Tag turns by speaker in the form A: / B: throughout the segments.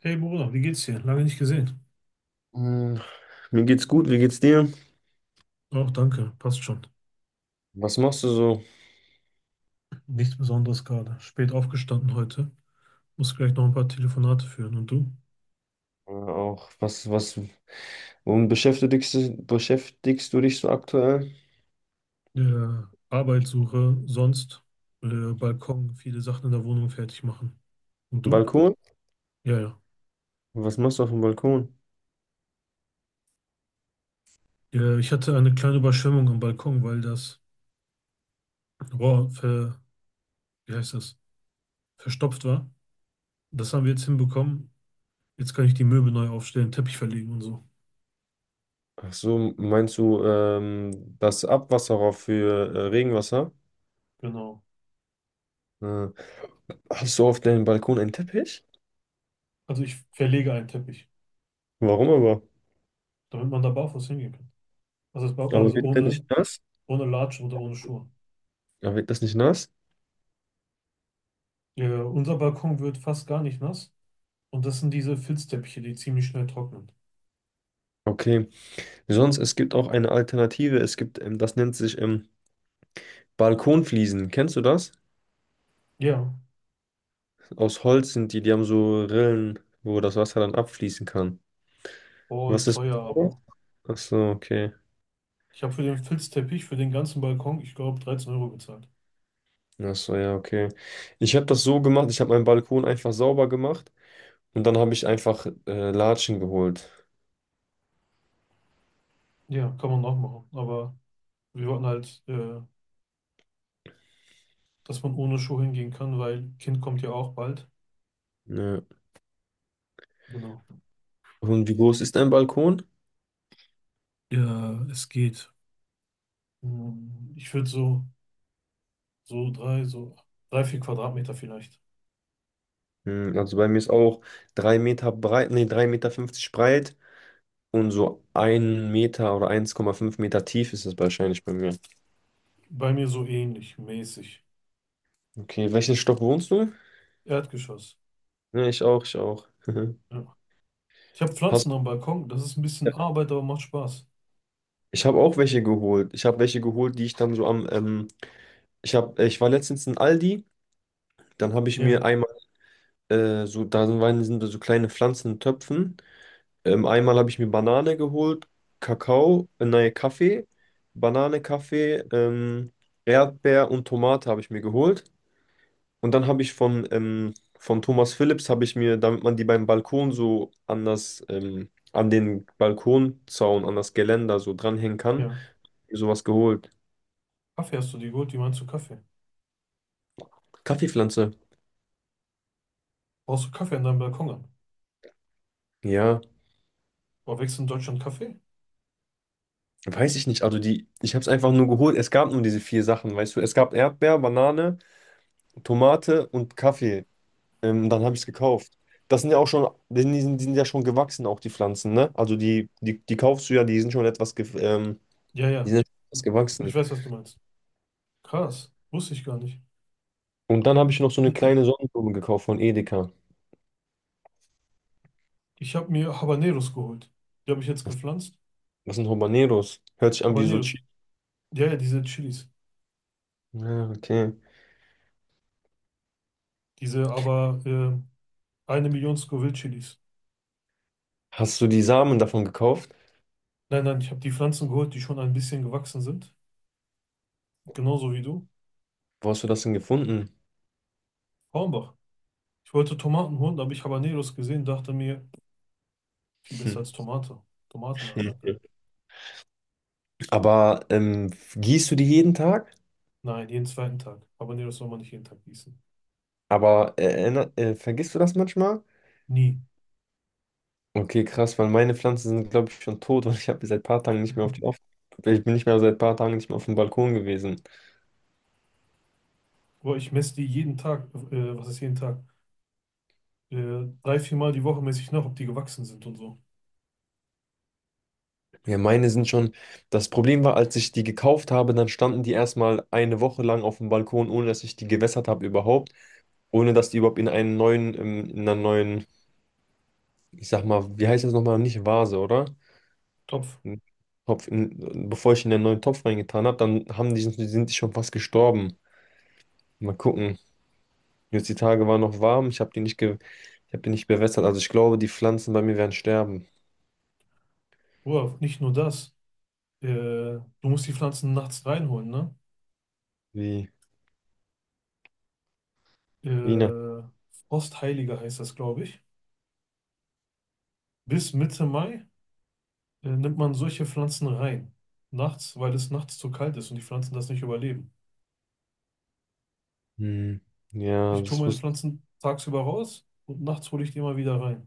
A: Hey Bruder, wie geht's dir? Lange nicht gesehen.
B: Hm. Mir geht's gut, wie geht's dir?
A: Auch danke, passt schon.
B: Was machst du so?
A: Nichts Besonderes gerade. Spät aufgestanden heute. Muss gleich noch ein paar Telefonate führen. Und du?
B: Auch womit beschäftigst du dich so aktuell?
A: Ja, Arbeitssuche, sonst Balkon, viele Sachen in der Wohnung fertig machen. Und du?
B: Balkon?
A: Ja, ja.
B: Was machst du auf dem Balkon?
A: Ja, ich hatte eine kleine Überschwemmung am Balkon, weil das Rohr wie heißt das? Verstopft war. Das haben wir jetzt hinbekommen. Jetzt kann ich die Möbel neu aufstellen, Teppich verlegen und so.
B: Ach so, meinst du das Abwasserrohr für Regenwasser?
A: Genau.
B: Äh, hast du auf deinem Balkon einen Teppich?
A: Also ich verlege einen Teppich,
B: Warum aber?
A: damit man da barfuß hingehen kann. Also, das Balkon,
B: Aber
A: also
B: wird der
A: ohne,
B: nicht nass?
A: ohne Latschen oder ohne Schuhe.
B: Aber wird das nicht nass?
A: Ja, unser Balkon wird fast gar nicht nass. Und das sind diese Filzteppiche, die ziemlich schnell trocknen.
B: Okay. Sonst, es gibt auch eine Alternative. Es gibt, das nennt sich Balkonfliesen. Kennst du das?
A: Ja,
B: Aus Holz sind die, die haben so Rillen, wo das Wasser dann abfließen kann.
A: voll
B: Was ist mit
A: teuer, aber.
B: sowas? Ach so, okay.
A: Ich habe für den Filzteppich, für den ganzen Balkon, ich glaube, 13 € bezahlt.
B: Ach so, ja, okay. Ich habe das so gemacht, ich habe meinen Balkon einfach sauber gemacht und dann habe ich einfach Latschen geholt.
A: Ja, kann man auch machen. Aber wir wollten halt, dass man ohne Schuhe hingehen kann, weil Kind kommt ja auch bald.
B: Ja.
A: Genau.
B: Und wie groß ist dein Balkon?
A: Ja, es geht. Ich würde so 3, 4 Quadratmeter vielleicht.
B: Also bei mir ist auch 3 Meter breit, nee, 3,50 Meter breit und so 1 Meter oder 1,5 Meter tief ist es wahrscheinlich bei mir.
A: Bei mir so ähnlich, mäßig.
B: Okay, welchen Stock wohnst du?
A: Erdgeschoss.
B: Ja, ich auch, ich auch.
A: Ja. Ich habe
B: Hast
A: Pflanzen am Balkon. Das ist ein bisschen Arbeit, aber macht Spaß.
B: Ich habe auch welche geholt. Ich habe welche geholt, die ich dann so am, ich war letztens in Aldi, dann habe ich
A: Ja,
B: mir einmal, so, da sind so kleine Pflanzen in Töpfen. Einmal habe ich mir Banane geholt, Kakao, nein, Kaffee, Banane, Kaffee, Erdbeer und Tomate habe ich mir geholt. Und dann habe ich von Thomas Philips habe ich mir, damit man die beim Balkon so an das, an den Balkonzaun, an das Geländer so dranhängen kann,
A: ja.
B: mir sowas geholt.
A: Kaffee hast du dir geholt? Wie meinst du Kaffee?
B: Kaffeepflanze.
A: Brauchst du Kaffee an deinem Balkon an?
B: Ja,
A: Boah, wächst in Deutschland Kaffee?
B: weiß ich nicht. Also ich habe es einfach nur geholt. Es gab nur diese vier Sachen, weißt du. Es gab Erdbeer, Banane, Tomate und Kaffee. Dann habe ich es gekauft. Das sind ja auch schon, die sind ja schon gewachsen, auch die Pflanzen, ne? Also die kaufst du ja, die sind schon etwas, ge
A: Ja,
B: die
A: ja.
B: sind schon etwas
A: Ich
B: gewachsen.
A: weiß, was du meinst. Krass. Wusste ich gar nicht.
B: Und dann habe ich noch so eine kleine Sonnenblume gekauft von Edeka.
A: Ich habe mir Habaneros geholt. Die habe ich jetzt gepflanzt.
B: Das sind Habaneros. Hört sich an wie so
A: Habaneros.
B: Chi.
A: Ja, ja, diese Chilis.
B: Ja, okay.
A: Diese aber 1 Million Scoville-Chilis.
B: Hast du die Samen davon gekauft?
A: Nein, nein, ich habe die Pflanzen geholt, die schon ein bisschen gewachsen sind. Genauso wie du.
B: Wo hast du das denn gefunden?
A: Hornbach. Ich wollte Tomaten holen, da habe ich Habaneros gesehen, dachte mir, viel besser
B: Hm.
A: als Tomate. Tomatenanlage.
B: Aber gießt du die jeden Tag?
A: Nein, jeden zweiten Tag. Aber nee, das soll man nicht jeden Tag gießen.
B: Aber vergisst du das manchmal?
A: Nie.
B: Okay, krass. Weil meine Pflanzen sind glaube ich schon tot und ich habe seit ein paar Tagen nicht mehr auf den auf ich bin nicht mehr seit ein paar Tagen nicht mehr auf dem Balkon gewesen.
A: Boah, ich messe die jeden Tag, was ist jeden Tag? 3, 4 Mal die Woche messe ich nach, ob die gewachsen sind und so.
B: Ja, meine sind schon. Das Problem war, als ich die gekauft habe, dann standen die erst mal eine Woche lang auf dem Balkon, ohne dass ich die gewässert habe überhaupt, ohne dass die überhaupt in einen neuen in einer neuen, ich sag mal, wie heißt das noch mal, nicht Vase, oder
A: Topf.
B: Topf, bevor ich in den neuen Topf reingetan habe, dann haben die sind die schon fast gestorben. Mal gucken. Jetzt die Tage waren noch warm, ich habe die nicht bewässert. Also ich glaube, die Pflanzen bei mir werden sterben.
A: Boah, nicht nur das. Du musst die Pflanzen nachts reinholen, ne?
B: Wie Wiener.
A: Äh, Frostheiliger heißt das, glaube ich. Bis Mitte Mai nimmt man solche Pflanzen rein. Nachts, weil es nachts zu kalt ist und die Pflanzen das nicht überleben.
B: Hm. Ja.
A: Ich tue
B: das
A: meine
B: wusste
A: Pflanzen tagsüber raus und nachts hole ich die immer wieder rein.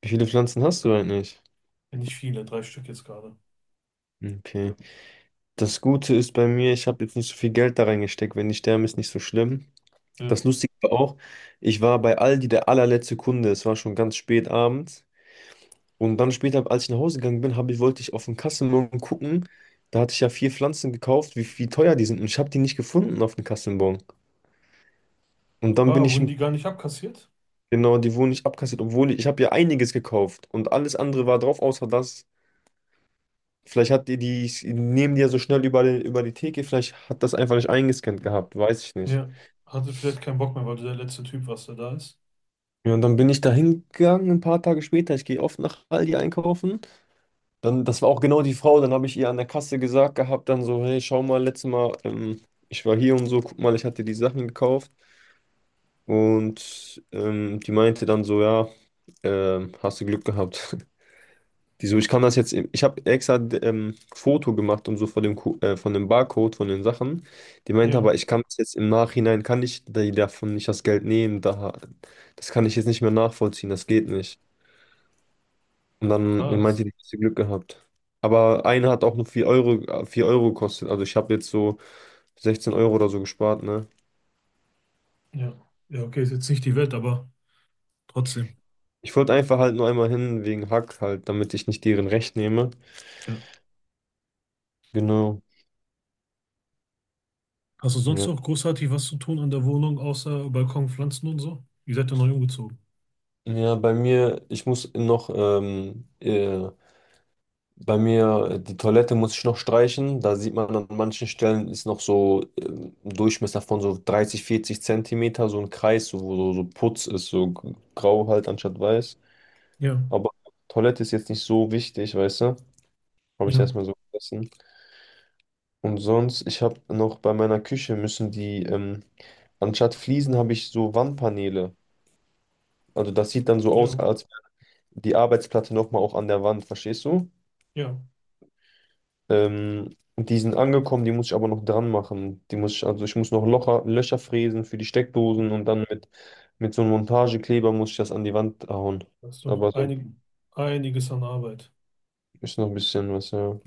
B: Wie viele Pflanzen hast du eigentlich?
A: Ja, nicht viele, drei Stück jetzt gerade.
B: Okay. Das Gute ist bei mir, ich habe jetzt nicht so viel Geld da reingesteckt. Wenn die sterben, ist nicht so schlimm. Das
A: Ja.
B: Lustige war auch, ich war bei Aldi der allerletzte Kunde. Es war schon ganz spät abends. Und dann später, als ich nach Hause gegangen bin, wollte ich auf den Kassenbon gucken. Da hatte ich ja vier Pflanzen gekauft, wie teuer die sind. Und ich habe die nicht gefunden auf dem Kassenbon. Und dann bin
A: Ah,
B: ich
A: wurden die gar nicht abkassiert?
B: Genau, die wurden nicht abkassiert, obwohl ich habe ja einiges gekauft und alles andere war drauf, außer das. Vielleicht hat die, die nehmen die ja so schnell über die Theke, vielleicht hat das einfach nicht eingescannt gehabt, weiß ich nicht.
A: Ja. Hatte vielleicht keinen Bock mehr, weil du der letzte Typ warst, der da ist.
B: Ja, und dann bin ich da hingegangen ein paar Tage später. Ich gehe oft nach Aldi einkaufen. Dann, das war auch genau die Frau. Dann habe ich ihr an der Kasse gesagt gehabt, dann so, hey, schau mal, letztes Mal, ich war hier und so, guck mal, ich hatte die Sachen gekauft. Und die meinte dann so, ja, hast du Glück gehabt. Wieso, ich kann das jetzt, ich habe extra Foto gemacht und so von dem Barcode, von den Sachen. Die meinte
A: Ja,
B: aber, ich kann das jetzt im Nachhinein, kann ich die davon nicht das Geld nehmen, da, das kann ich jetzt nicht mehr nachvollziehen, das geht nicht. Und dann
A: krass.
B: meinte die, hast du Glück gehabt. Aber eine hat auch nur 4 Euro gekostet, also ich habe jetzt so 16 Euro oder so gespart, ne?
A: Ja. Ja, okay, ist jetzt nicht die Welt, aber trotzdem.
B: Ich wollte einfach halt nur einmal hin wegen Hack halt, damit ich nicht deren Recht nehme.
A: Ja.
B: Genau.
A: Hast du sonst
B: Ja.
A: noch großartig was zu tun an der Wohnung, außer Balkon, Pflanzen und so? Ihr seid ja neu umgezogen.
B: Ja, bei mir, die Toilette muss ich noch streichen. Da sieht man an manchen Stellen ist noch so ein Durchmesser von so 30, 40 Zentimeter, so ein Kreis, so, wo so, so Putz ist, so grau halt anstatt weiß.
A: Ja,
B: Aber Toilette ist jetzt nicht so wichtig, weißt du? Habe ich
A: ja,
B: erstmal so vergessen. Und sonst, ich habe noch bei meiner Küche müssen anstatt Fliesen habe ich so Wandpaneele. Also das sieht dann so aus,
A: ja,
B: als wäre die Arbeitsplatte nochmal auch an der Wand, verstehst du?
A: ja.
B: Die sind angekommen, die muss ich aber noch dran machen. Also ich muss noch Löcher fräsen für die Steckdosen und dann mit so einem Montagekleber muss ich das an die Wand hauen.
A: Das ist doch
B: Aber so
A: einiges an Arbeit.
B: ist noch ein bisschen was, ja.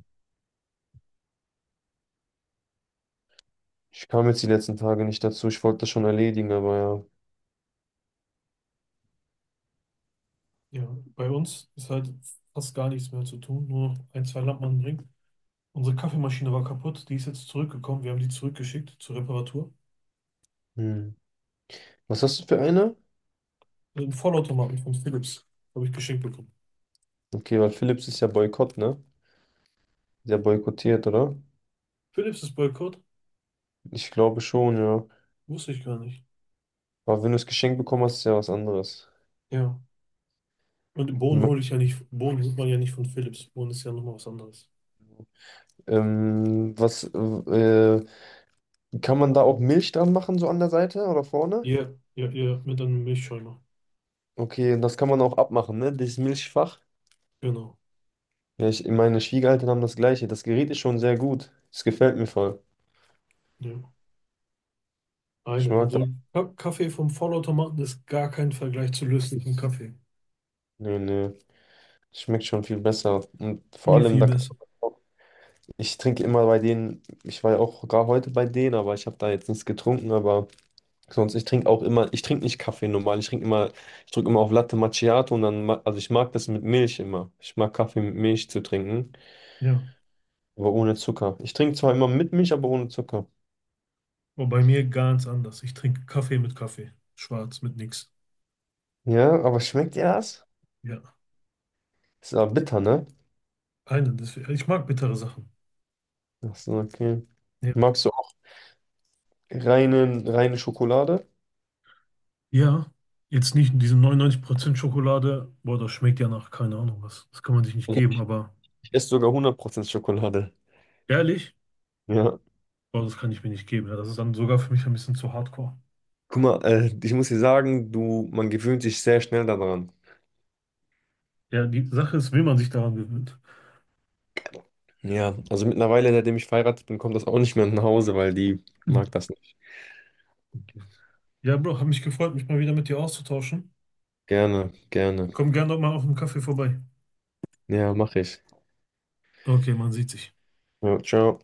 B: Ich kam jetzt die letzten Tage nicht dazu. Ich wollte das schon erledigen, aber
A: Ja, bei uns ist halt fast gar nichts mehr zu tun, nur noch ein, zwei Lampen anbringen. Unsere Kaffeemaschine war kaputt, die ist jetzt zurückgekommen. Wir haben die zurückgeschickt zur Reparatur.
B: ja. Hm. Was hast du für eine?
A: Ein Vollautomaten von Philips habe ich geschenkt bekommen.
B: Okay, weil Philips ist ja Boykott, ne? Ist ja boykottiert, oder?
A: Philips ist Boykott?
B: Ich glaube schon, ja.
A: Wusste ich gar nicht.
B: Aber wenn du es geschenkt bekommen hast, ist ja was anderes.
A: Ja. Und Bohnen hole ich ja nicht. Bohnen holt man ja nicht von Philips. Bohnen ist ja nochmal was anderes.
B: Ähm, was, äh, Kann man da auch Milch dran machen, so an der Seite oder vorne?
A: Ja, ja, ja, mit einem Milchschäumer.
B: Okay, und das kann man auch abmachen, ne? Dieses Milchfach.
A: Genau.
B: Ja, meine Schwiegereltern haben das gleiche. Das Gerät ist schon sehr gut. Es gefällt mir voll.
A: Ja.
B: Ich
A: Einen.
B: mag
A: Also
B: das.
A: Kaffee vom Vollautomaten ist gar kein Vergleich zu löslichem Kaffee.
B: Nö, nö. Schmeckt schon viel besser. Und vor
A: Viel,
B: allem,
A: viel
B: da kann
A: besser.
B: ich trinke immer bei denen, ich war ja auch gar heute bei denen, aber ich habe da jetzt nichts getrunken, aber sonst, ich trinke auch immer, ich trinke nicht Kaffee normal, ich trinke immer, ich drücke immer auf Latte Macchiato und dann, also ich mag das mit Milch immer. Ich mag Kaffee mit Milch zu trinken.
A: Ja.
B: Aber ohne Zucker. Ich trinke zwar immer mit Milch, aber ohne Zucker.
A: Aber bei mir ganz anders. Ich trinke Kaffee mit Kaffee. Schwarz mit nix.
B: Ja, aber schmeckt
A: Ja.
B: dir das?
A: Ja.
B: Ist aber bitter, ne?
A: Einen, deswegen, ich mag bittere Sachen.
B: Ach so, okay.
A: Ja.
B: Magst du auch reine, reine Schokolade?
A: Ja, jetzt nicht in diesem 99% Schokolade. Boah, das schmeckt ja nach keine Ahnung was. Das kann man sich nicht
B: Also
A: geben,
B: ich
A: aber
B: esse sogar 100% Schokolade.
A: ehrlich,
B: Ja.
A: boah, das kann ich mir nicht geben. Ja, das ist dann sogar für mich ein bisschen zu hardcore.
B: Guck mal, ich muss dir sagen, du, man gewöhnt sich sehr schnell daran.
A: Ja, die Sache ist, will man sich daran gewöhnt.
B: Ja, also mittlerweile, seitdem ich verheiratet bin, kommt das auch nicht mehr nach Hause, weil die
A: Hm.
B: mag das nicht.
A: Okay. Ja, Bro, habe mich gefreut, mich mal wieder mit dir auszutauschen.
B: Gerne, gerne.
A: Komm gerne doch mal auf dem Kaffee vorbei.
B: Ja, mach ich.
A: Okay, man sieht sich.
B: Ja, ciao.